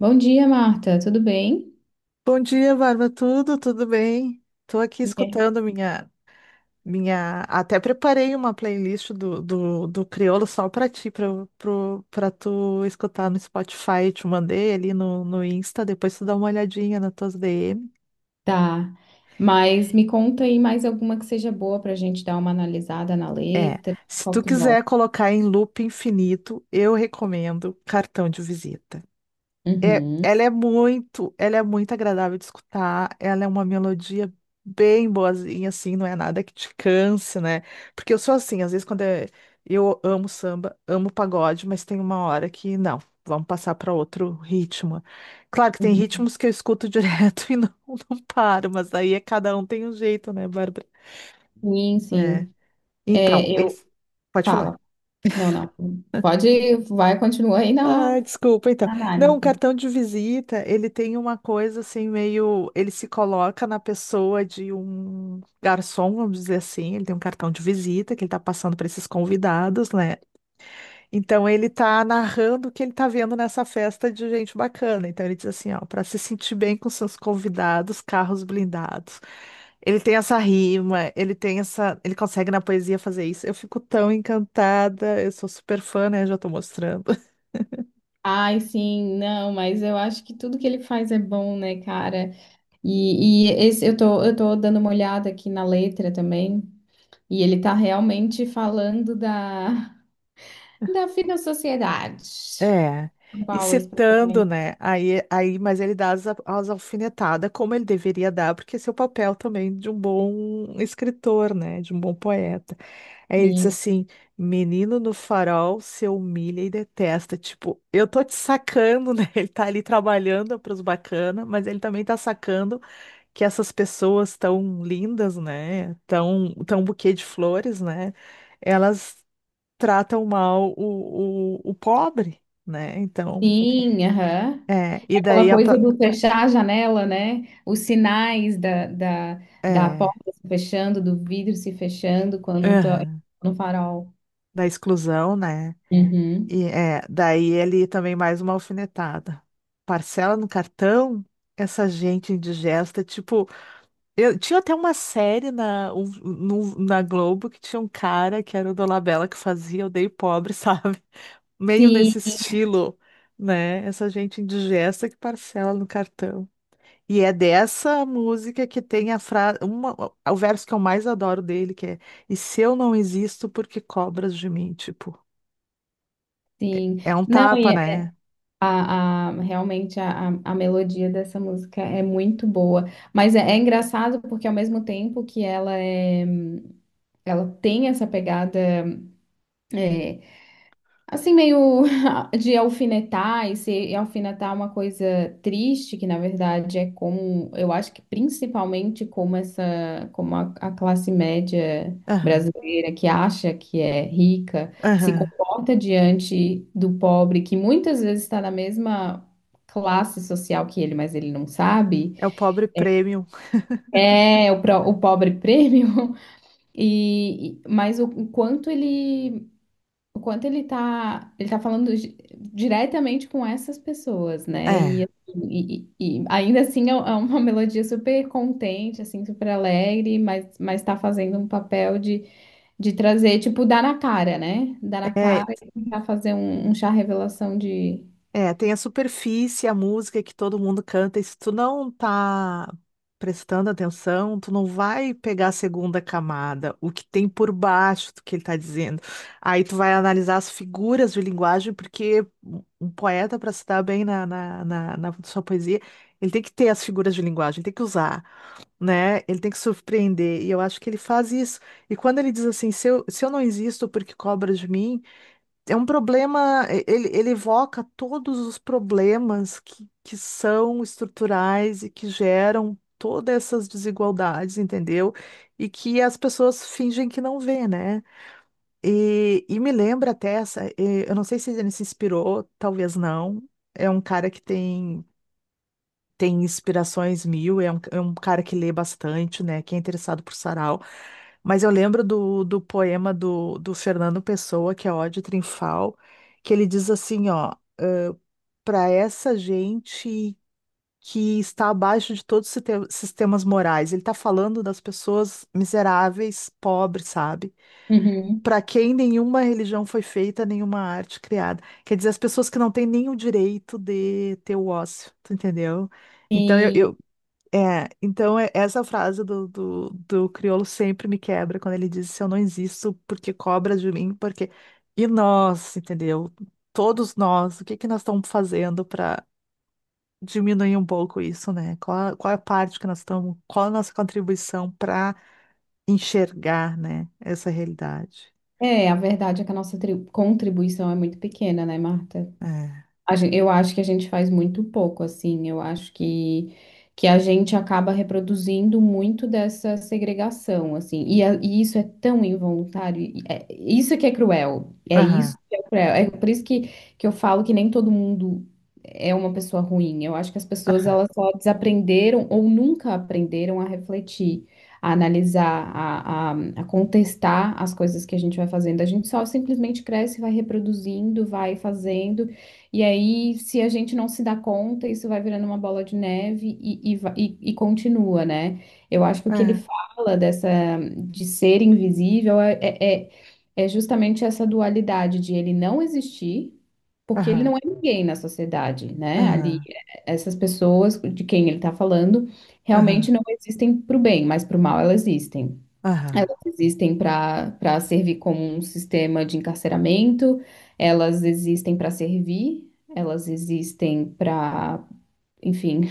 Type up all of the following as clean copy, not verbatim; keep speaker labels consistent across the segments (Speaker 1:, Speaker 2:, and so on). Speaker 1: Bom dia, Marta. Tudo bem?
Speaker 2: Bom dia, Bárbara. Tudo bem? Estou aqui
Speaker 1: É.
Speaker 2: escutando minha. Até preparei uma playlist do Criolo só para ti, para tu escutar no Spotify. Te mandei ali no Insta, depois tu dá uma olhadinha nas tuas DM.
Speaker 1: Tá. Mas me conta aí mais alguma que seja boa para a gente dar uma analisada na
Speaker 2: É,
Speaker 1: letra.
Speaker 2: se
Speaker 1: Qual
Speaker 2: tu
Speaker 1: que tu
Speaker 2: quiser
Speaker 1: gosta?
Speaker 2: colocar em loop infinito, eu recomendo cartão de visita. É,
Speaker 1: Uhum.
Speaker 2: ela é muito agradável de escutar, ela é uma melodia bem boazinha, assim, não é nada que te canse, né? Porque eu sou assim, às vezes eu amo samba, amo pagode, mas tem uma hora que não, vamos passar para outro ritmo. Claro que tem
Speaker 1: Uhum.
Speaker 2: ritmos que eu escuto direto e não, não paro, mas aí é cada um tem um jeito, né, Bárbara?
Speaker 1: Sim,
Speaker 2: É.
Speaker 1: sim.
Speaker 2: Então,
Speaker 1: É, eu...
Speaker 2: esse. Pode falar.
Speaker 1: Fala. Não, não. Pode... Vai, continua
Speaker 2: Ah, desculpa, então.
Speaker 1: na
Speaker 2: Não, o
Speaker 1: análise.
Speaker 2: cartão de visita, ele tem uma coisa assim, meio. Ele se coloca na pessoa de um garçom, vamos dizer assim. Ele tem um cartão de visita que ele tá passando para esses convidados, né? Então, ele tá narrando o que ele tá vendo nessa festa de gente bacana. Então, ele diz assim: ó, para se sentir bem com seus convidados, carros blindados. Ele tem essa rima, ele tem essa. Ele consegue na poesia fazer isso. Eu fico tão encantada, eu sou super fã, né? Já tô mostrando.
Speaker 1: Ai, sim. Não, mas eu acho que tudo que ele faz é bom, né, cara? E esse, eu tô dando uma olhada aqui na letra também. E ele tá realmente falando da... Da vida à sociedade.
Speaker 2: É,
Speaker 1: São
Speaker 2: e
Speaker 1: Paulo,
Speaker 2: citando,
Speaker 1: especialmente.
Speaker 2: né? Aí, mas ele dá as alfinetadas como ele deveria dar, porque esse é o papel também de um bom escritor, né? De um bom poeta. Aí ele diz
Speaker 1: Sim,
Speaker 2: assim: Menino no farol se humilha e detesta. Tipo, eu tô te sacando, né? Ele tá ali trabalhando pros bacana, mas ele também tá sacando que essas pessoas tão lindas, né? Tão buquê de flores, né? Elas tratam mal o pobre, né? Então,
Speaker 1: sim, aham.
Speaker 2: é,
Speaker 1: É aquela coisa do fechar a janela, né? Os sinais da
Speaker 2: é,
Speaker 1: porta se fechando, do vidro se fechando quando tô
Speaker 2: aham,
Speaker 1: no farol.
Speaker 2: da exclusão, né?
Speaker 1: Uhum.
Speaker 2: E é, daí ele também mais uma alfinetada. Parcela no cartão, essa gente indigesta, tipo, eu tinha até uma série na, um- no- na Globo que tinha um cara que era o Dolabella que fazia Odeio Pobre, sabe? Meio
Speaker 1: Sim,
Speaker 2: nesse estilo, né? Essa gente indigesta que parcela no cartão. E é dessa música que tem a frase, uma, o verso que eu mais adoro dele, que é: E se eu não existo, por que cobras de mim? Tipo,
Speaker 1: sim.
Speaker 2: é um
Speaker 1: Não,
Speaker 2: tapa,
Speaker 1: e é-
Speaker 2: né?
Speaker 1: realmente a melodia dessa música é muito boa. Mas é, é engraçado porque ao mesmo tempo que ela tem essa pegada. é, Assim, meio de alfinetar e se alfinetar é uma coisa triste, que na verdade é como, eu acho que principalmente como essa, como a classe média
Speaker 2: Aham,
Speaker 1: brasileira que acha que é rica, se
Speaker 2: aham.
Speaker 1: comporta diante do pobre, que muitas vezes está na mesma classe social que ele, mas ele não sabe,
Speaker 2: É o pobre premium.
Speaker 1: é o pobre prêmio, mas o quanto ele tá falando diretamente com essas pessoas, né? E,
Speaker 2: É,
Speaker 1: assim, e ainda assim é uma melodia super contente, assim, super alegre, mas tá fazendo um papel de trazer, tipo, dar na cara, né? Dar na
Speaker 2: é.
Speaker 1: cara e tentar fazer um chá revelação de.
Speaker 2: É, tem a superfície, a música que todo mundo canta, e se tu não tá prestando atenção, tu não vai pegar a segunda camada, o que tem por baixo do que ele tá dizendo. Aí tu vai analisar as figuras de linguagem, porque um poeta, para se dar bem na sua poesia, ele tem que ter as figuras de linguagem, ele tem que usar, né? Ele tem que surpreender, e eu acho que ele faz isso. E quando ele diz assim, se eu não existo porque cobra de mim. É um problema, ele evoca todos os problemas que são estruturais e que geram todas essas desigualdades, entendeu? E que as pessoas fingem que não vê, né? E me lembra até essa, e eu não sei se ele se inspirou, talvez não. É um cara que tem inspirações mil, é um cara que lê bastante, né? Que é interessado por sarau. Mas eu lembro do poema do Fernando Pessoa, que é Ode Triunfal, que ele diz assim, ó, para essa gente que está abaixo de todos os sistemas morais. Ele está falando das pessoas miseráveis, pobres, sabe?
Speaker 1: Uhum.
Speaker 2: Para quem nenhuma religião foi feita, nenhuma arte criada. Quer dizer, as pessoas que não têm nem o direito de ter o ócio, tu entendeu? Então,
Speaker 1: Sim.
Speaker 2: eu, é, então é- essa frase do crioulo sempre me quebra quando ele diz se eu não existo, porque cobra de mim, porque. E nós, entendeu? Todos nós, o que que nós estamos fazendo para diminuir um pouco isso, né? Qual é a parte que nós estamos, qual a nossa contribuição para enxergar, né, essa realidade?
Speaker 1: É, a verdade é que a nossa contribuição é muito pequena, né, Marta?
Speaker 2: É.
Speaker 1: Eu acho que a gente faz muito pouco, assim. Que a gente acaba reproduzindo muito dessa segregação, assim. E, e isso é tão involuntário. Isso é que é cruel. É
Speaker 2: Aham,
Speaker 1: isso que é cruel. É por isso que eu falo que nem todo mundo é uma pessoa ruim. Eu acho que as pessoas
Speaker 2: aham,
Speaker 1: elas só desaprenderam ou nunca aprenderam a refletir, a analisar, a contestar as coisas que a gente vai fazendo. A gente só simplesmente cresce, vai reproduzindo, vai fazendo. E aí, se a gente não se dá conta, isso vai virando uma bola de neve e continua, né? Eu acho que o que ele
Speaker 2: é,
Speaker 1: fala dessa de ser invisível é é justamente essa dualidade de ele não existir, porque ele
Speaker 2: aham,
Speaker 1: não é ninguém na sociedade, né? Ali,
Speaker 2: aham,
Speaker 1: essas pessoas de quem ele está falando
Speaker 2: aham,
Speaker 1: realmente não existem para o bem, mas para o mal elas existem.
Speaker 2: aham.
Speaker 1: Elas existem para para servir como um sistema de encarceramento, elas existem para servir, elas existem para, enfim,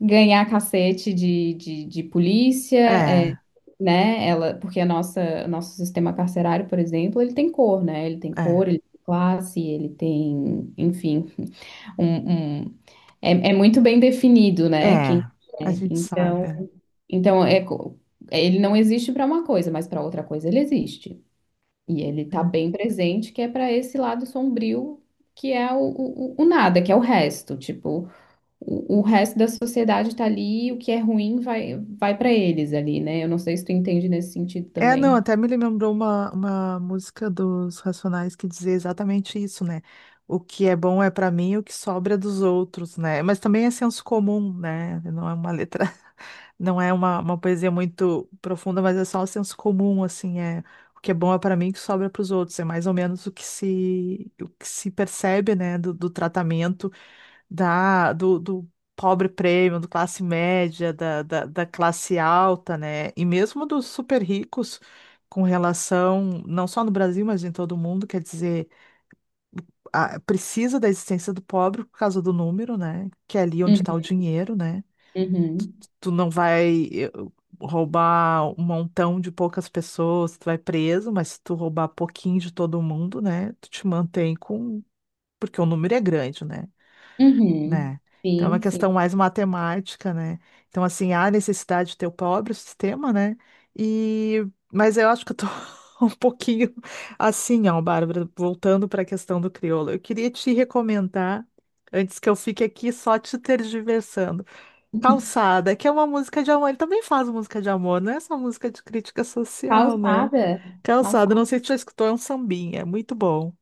Speaker 1: ganhar cacete de polícia,
Speaker 2: É,
Speaker 1: né? Ela, porque nosso sistema carcerário, por exemplo, ele tem cor, né? Ele tem cor,
Speaker 2: é,
Speaker 1: ele tem classe, ele tem, enfim, um, um- é, é muito bem definido, né? Quem
Speaker 2: é.
Speaker 1: é.
Speaker 2: A gente sabe.
Speaker 1: Então, então é, co- ele não existe para uma coisa, mas para outra coisa ele existe. E ele
Speaker 2: É.
Speaker 1: tá
Speaker 2: É.
Speaker 1: bem presente, que é para esse lado sombrio, que é o nada, que é o resto. Tipo, o resto da sociedade está ali, e o que é ruim vai para eles ali, né? Eu não sei se tu entende nesse sentido
Speaker 2: É, não,
Speaker 1: também.
Speaker 2: até me lembrou uma música dos Racionais que dizia exatamente isso, né? O que é bom é pra mim, o que sobra é dos outros, né? Mas também é senso comum, né? Não é uma letra, não é uma poesia muito profunda, mas é só o senso comum, assim, é o que é bom é pra mim, o que sobra é pros outros. É mais ou menos o que se percebe, né, do tratamento do pobre prêmio, do classe média, da classe alta, né? E mesmo dos super ricos com relação, não só no Brasil, mas em todo o mundo, quer dizer, precisa da existência do pobre por causa do número, né? Que é ali onde está o
Speaker 1: Uhum,
Speaker 2: dinheiro, né?
Speaker 1: uhum,
Speaker 2: Tu não vai roubar um montão de poucas pessoas, tu vai preso, mas se tu roubar pouquinho de todo mundo, né? Tu te mantém com. Porque o número é grande, né?
Speaker 1: uhum.
Speaker 2: Né? Então, é uma
Speaker 1: Sim, sim.
Speaker 2: questão mais matemática, né? Então, assim, há necessidade de ter o próprio sistema, né? E. Mas eu acho que eu tô um pouquinho assim, ó, Bárbara, voltando para a questão do crioulo. Eu queria te recomendar, antes que eu fique aqui só te tergiversando, Calçada, que é uma música de amor. Ele também faz música de amor, não é só música de crítica social, né?
Speaker 1: Calçada?
Speaker 2: Calçada,
Speaker 1: Calçada?
Speaker 2: não sei se tu já escutou, é um sambinha, é muito bom.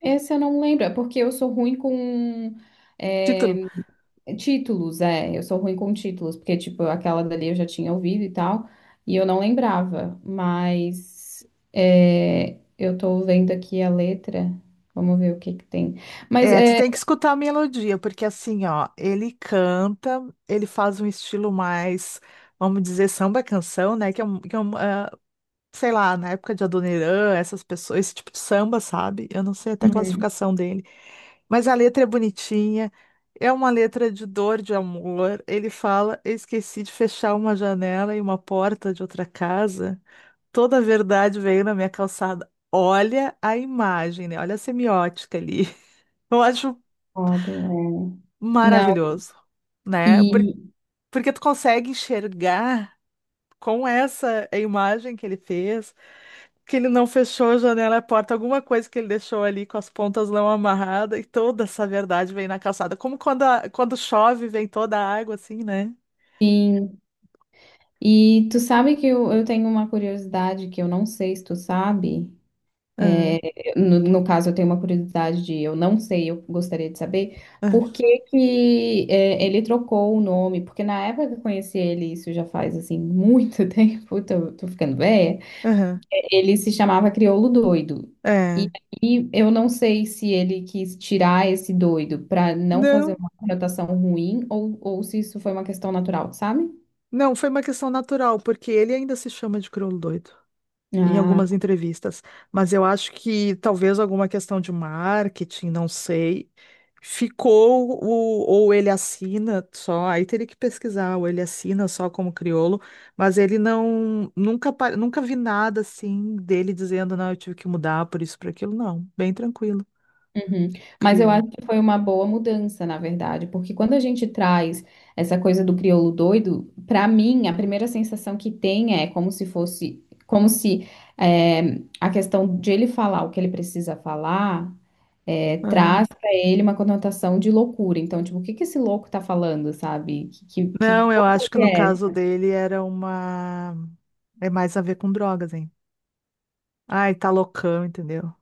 Speaker 1: Esse eu não lembro, é porque eu sou ruim com
Speaker 2: Título.
Speaker 1: é, títulos, é, eu sou ruim com títulos, porque, tipo, aquela dali eu já tinha ouvido e tal, e eu não lembrava, mas é, eu tô vendo aqui a letra, vamos ver o que que tem. Mas
Speaker 2: É, tu
Speaker 1: é.
Speaker 2: tem que escutar a melodia, porque assim, ó, ele canta, ele faz um estilo mais, vamos dizer, samba canção, né? Que é, que é um, sei lá, na época de Adoniran, essas pessoas, esse tipo de samba, sabe? Eu não sei até a
Speaker 1: Uhum.
Speaker 2: classificação dele. Mas a letra é bonitinha, é uma letra de dor, de amor. Ele fala: Eu esqueci de fechar uma janela e uma porta de outra casa. Toda a verdade veio na minha calçada. Olha a imagem, né? Olha a semiótica ali. Eu acho
Speaker 1: Foda, é. Não,
Speaker 2: maravilhoso, né?
Speaker 1: e
Speaker 2: Porque tu consegue enxergar com essa imagem que ele fez, que ele não fechou a janela e a porta, alguma coisa que ele deixou ali com as pontas não amarradas, e toda essa verdade vem na calçada. Como quando, quando chove, vem toda a água, assim, né?
Speaker 1: sim, e tu sabe que eu tenho uma curiosidade que eu não sei se tu sabe.
Speaker 2: Aham,
Speaker 1: No caso, eu tenho uma curiosidade de, eu não sei, eu gostaria de saber
Speaker 2: aham,
Speaker 1: por que que é, ele trocou o nome, porque na época que eu conheci ele, isso já faz assim muito tempo, tô ficando velha,
Speaker 2: aham,
Speaker 1: ele se chamava Crioulo Doido.
Speaker 2: é.
Speaker 1: E aí eu não sei se ele quis tirar esse doido para não fazer
Speaker 2: Não,
Speaker 1: uma conotação ruim ou se isso foi uma questão natural, sabe?
Speaker 2: não, foi uma questão natural, porque ele ainda se chama de crioulo doido em
Speaker 1: Ah,
Speaker 2: algumas entrevistas, mas eu acho que talvez alguma questão de marketing, não sei. Ou ele assina só, aí teria que pesquisar, ou ele assina só como crioulo, mas ele não, nunca vi nada assim dele dizendo, não, eu tive que mudar por isso, por aquilo, não, bem tranquilo,
Speaker 1: uhum. Mas eu
Speaker 2: crioulo.
Speaker 1: acho que foi uma boa mudança, na verdade, porque quando a gente traz essa coisa do crioulo doido, para mim, a primeira sensação que tem é como se fosse, como se a questão de ele falar o que ele precisa falar
Speaker 2: Aham.
Speaker 1: traz para ele uma conotação de loucura. Então, tipo, o que que esse louco tá falando, sabe? Que
Speaker 2: Não, eu acho que
Speaker 1: porcaria
Speaker 2: no
Speaker 1: é?
Speaker 2: caso
Speaker 1: Essa?
Speaker 2: dele era uma, é mais a ver com drogas, hein? Ai, tá loucão, entendeu?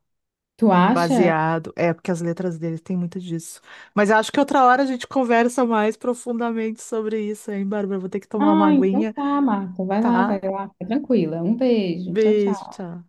Speaker 1: Tu acha?
Speaker 2: Baseado. É, porque as letras dele têm muito disso. Mas acho que outra hora a gente conversa mais profundamente sobre isso, hein, Bárbara? Vou ter que tomar uma
Speaker 1: Ah, então
Speaker 2: aguinha,
Speaker 1: tá, Marta,
Speaker 2: tá?
Speaker 1: vai lá, fica tranquila. Um beijo, tchau,
Speaker 2: Beijo,
Speaker 1: tchau.
Speaker 2: tchau.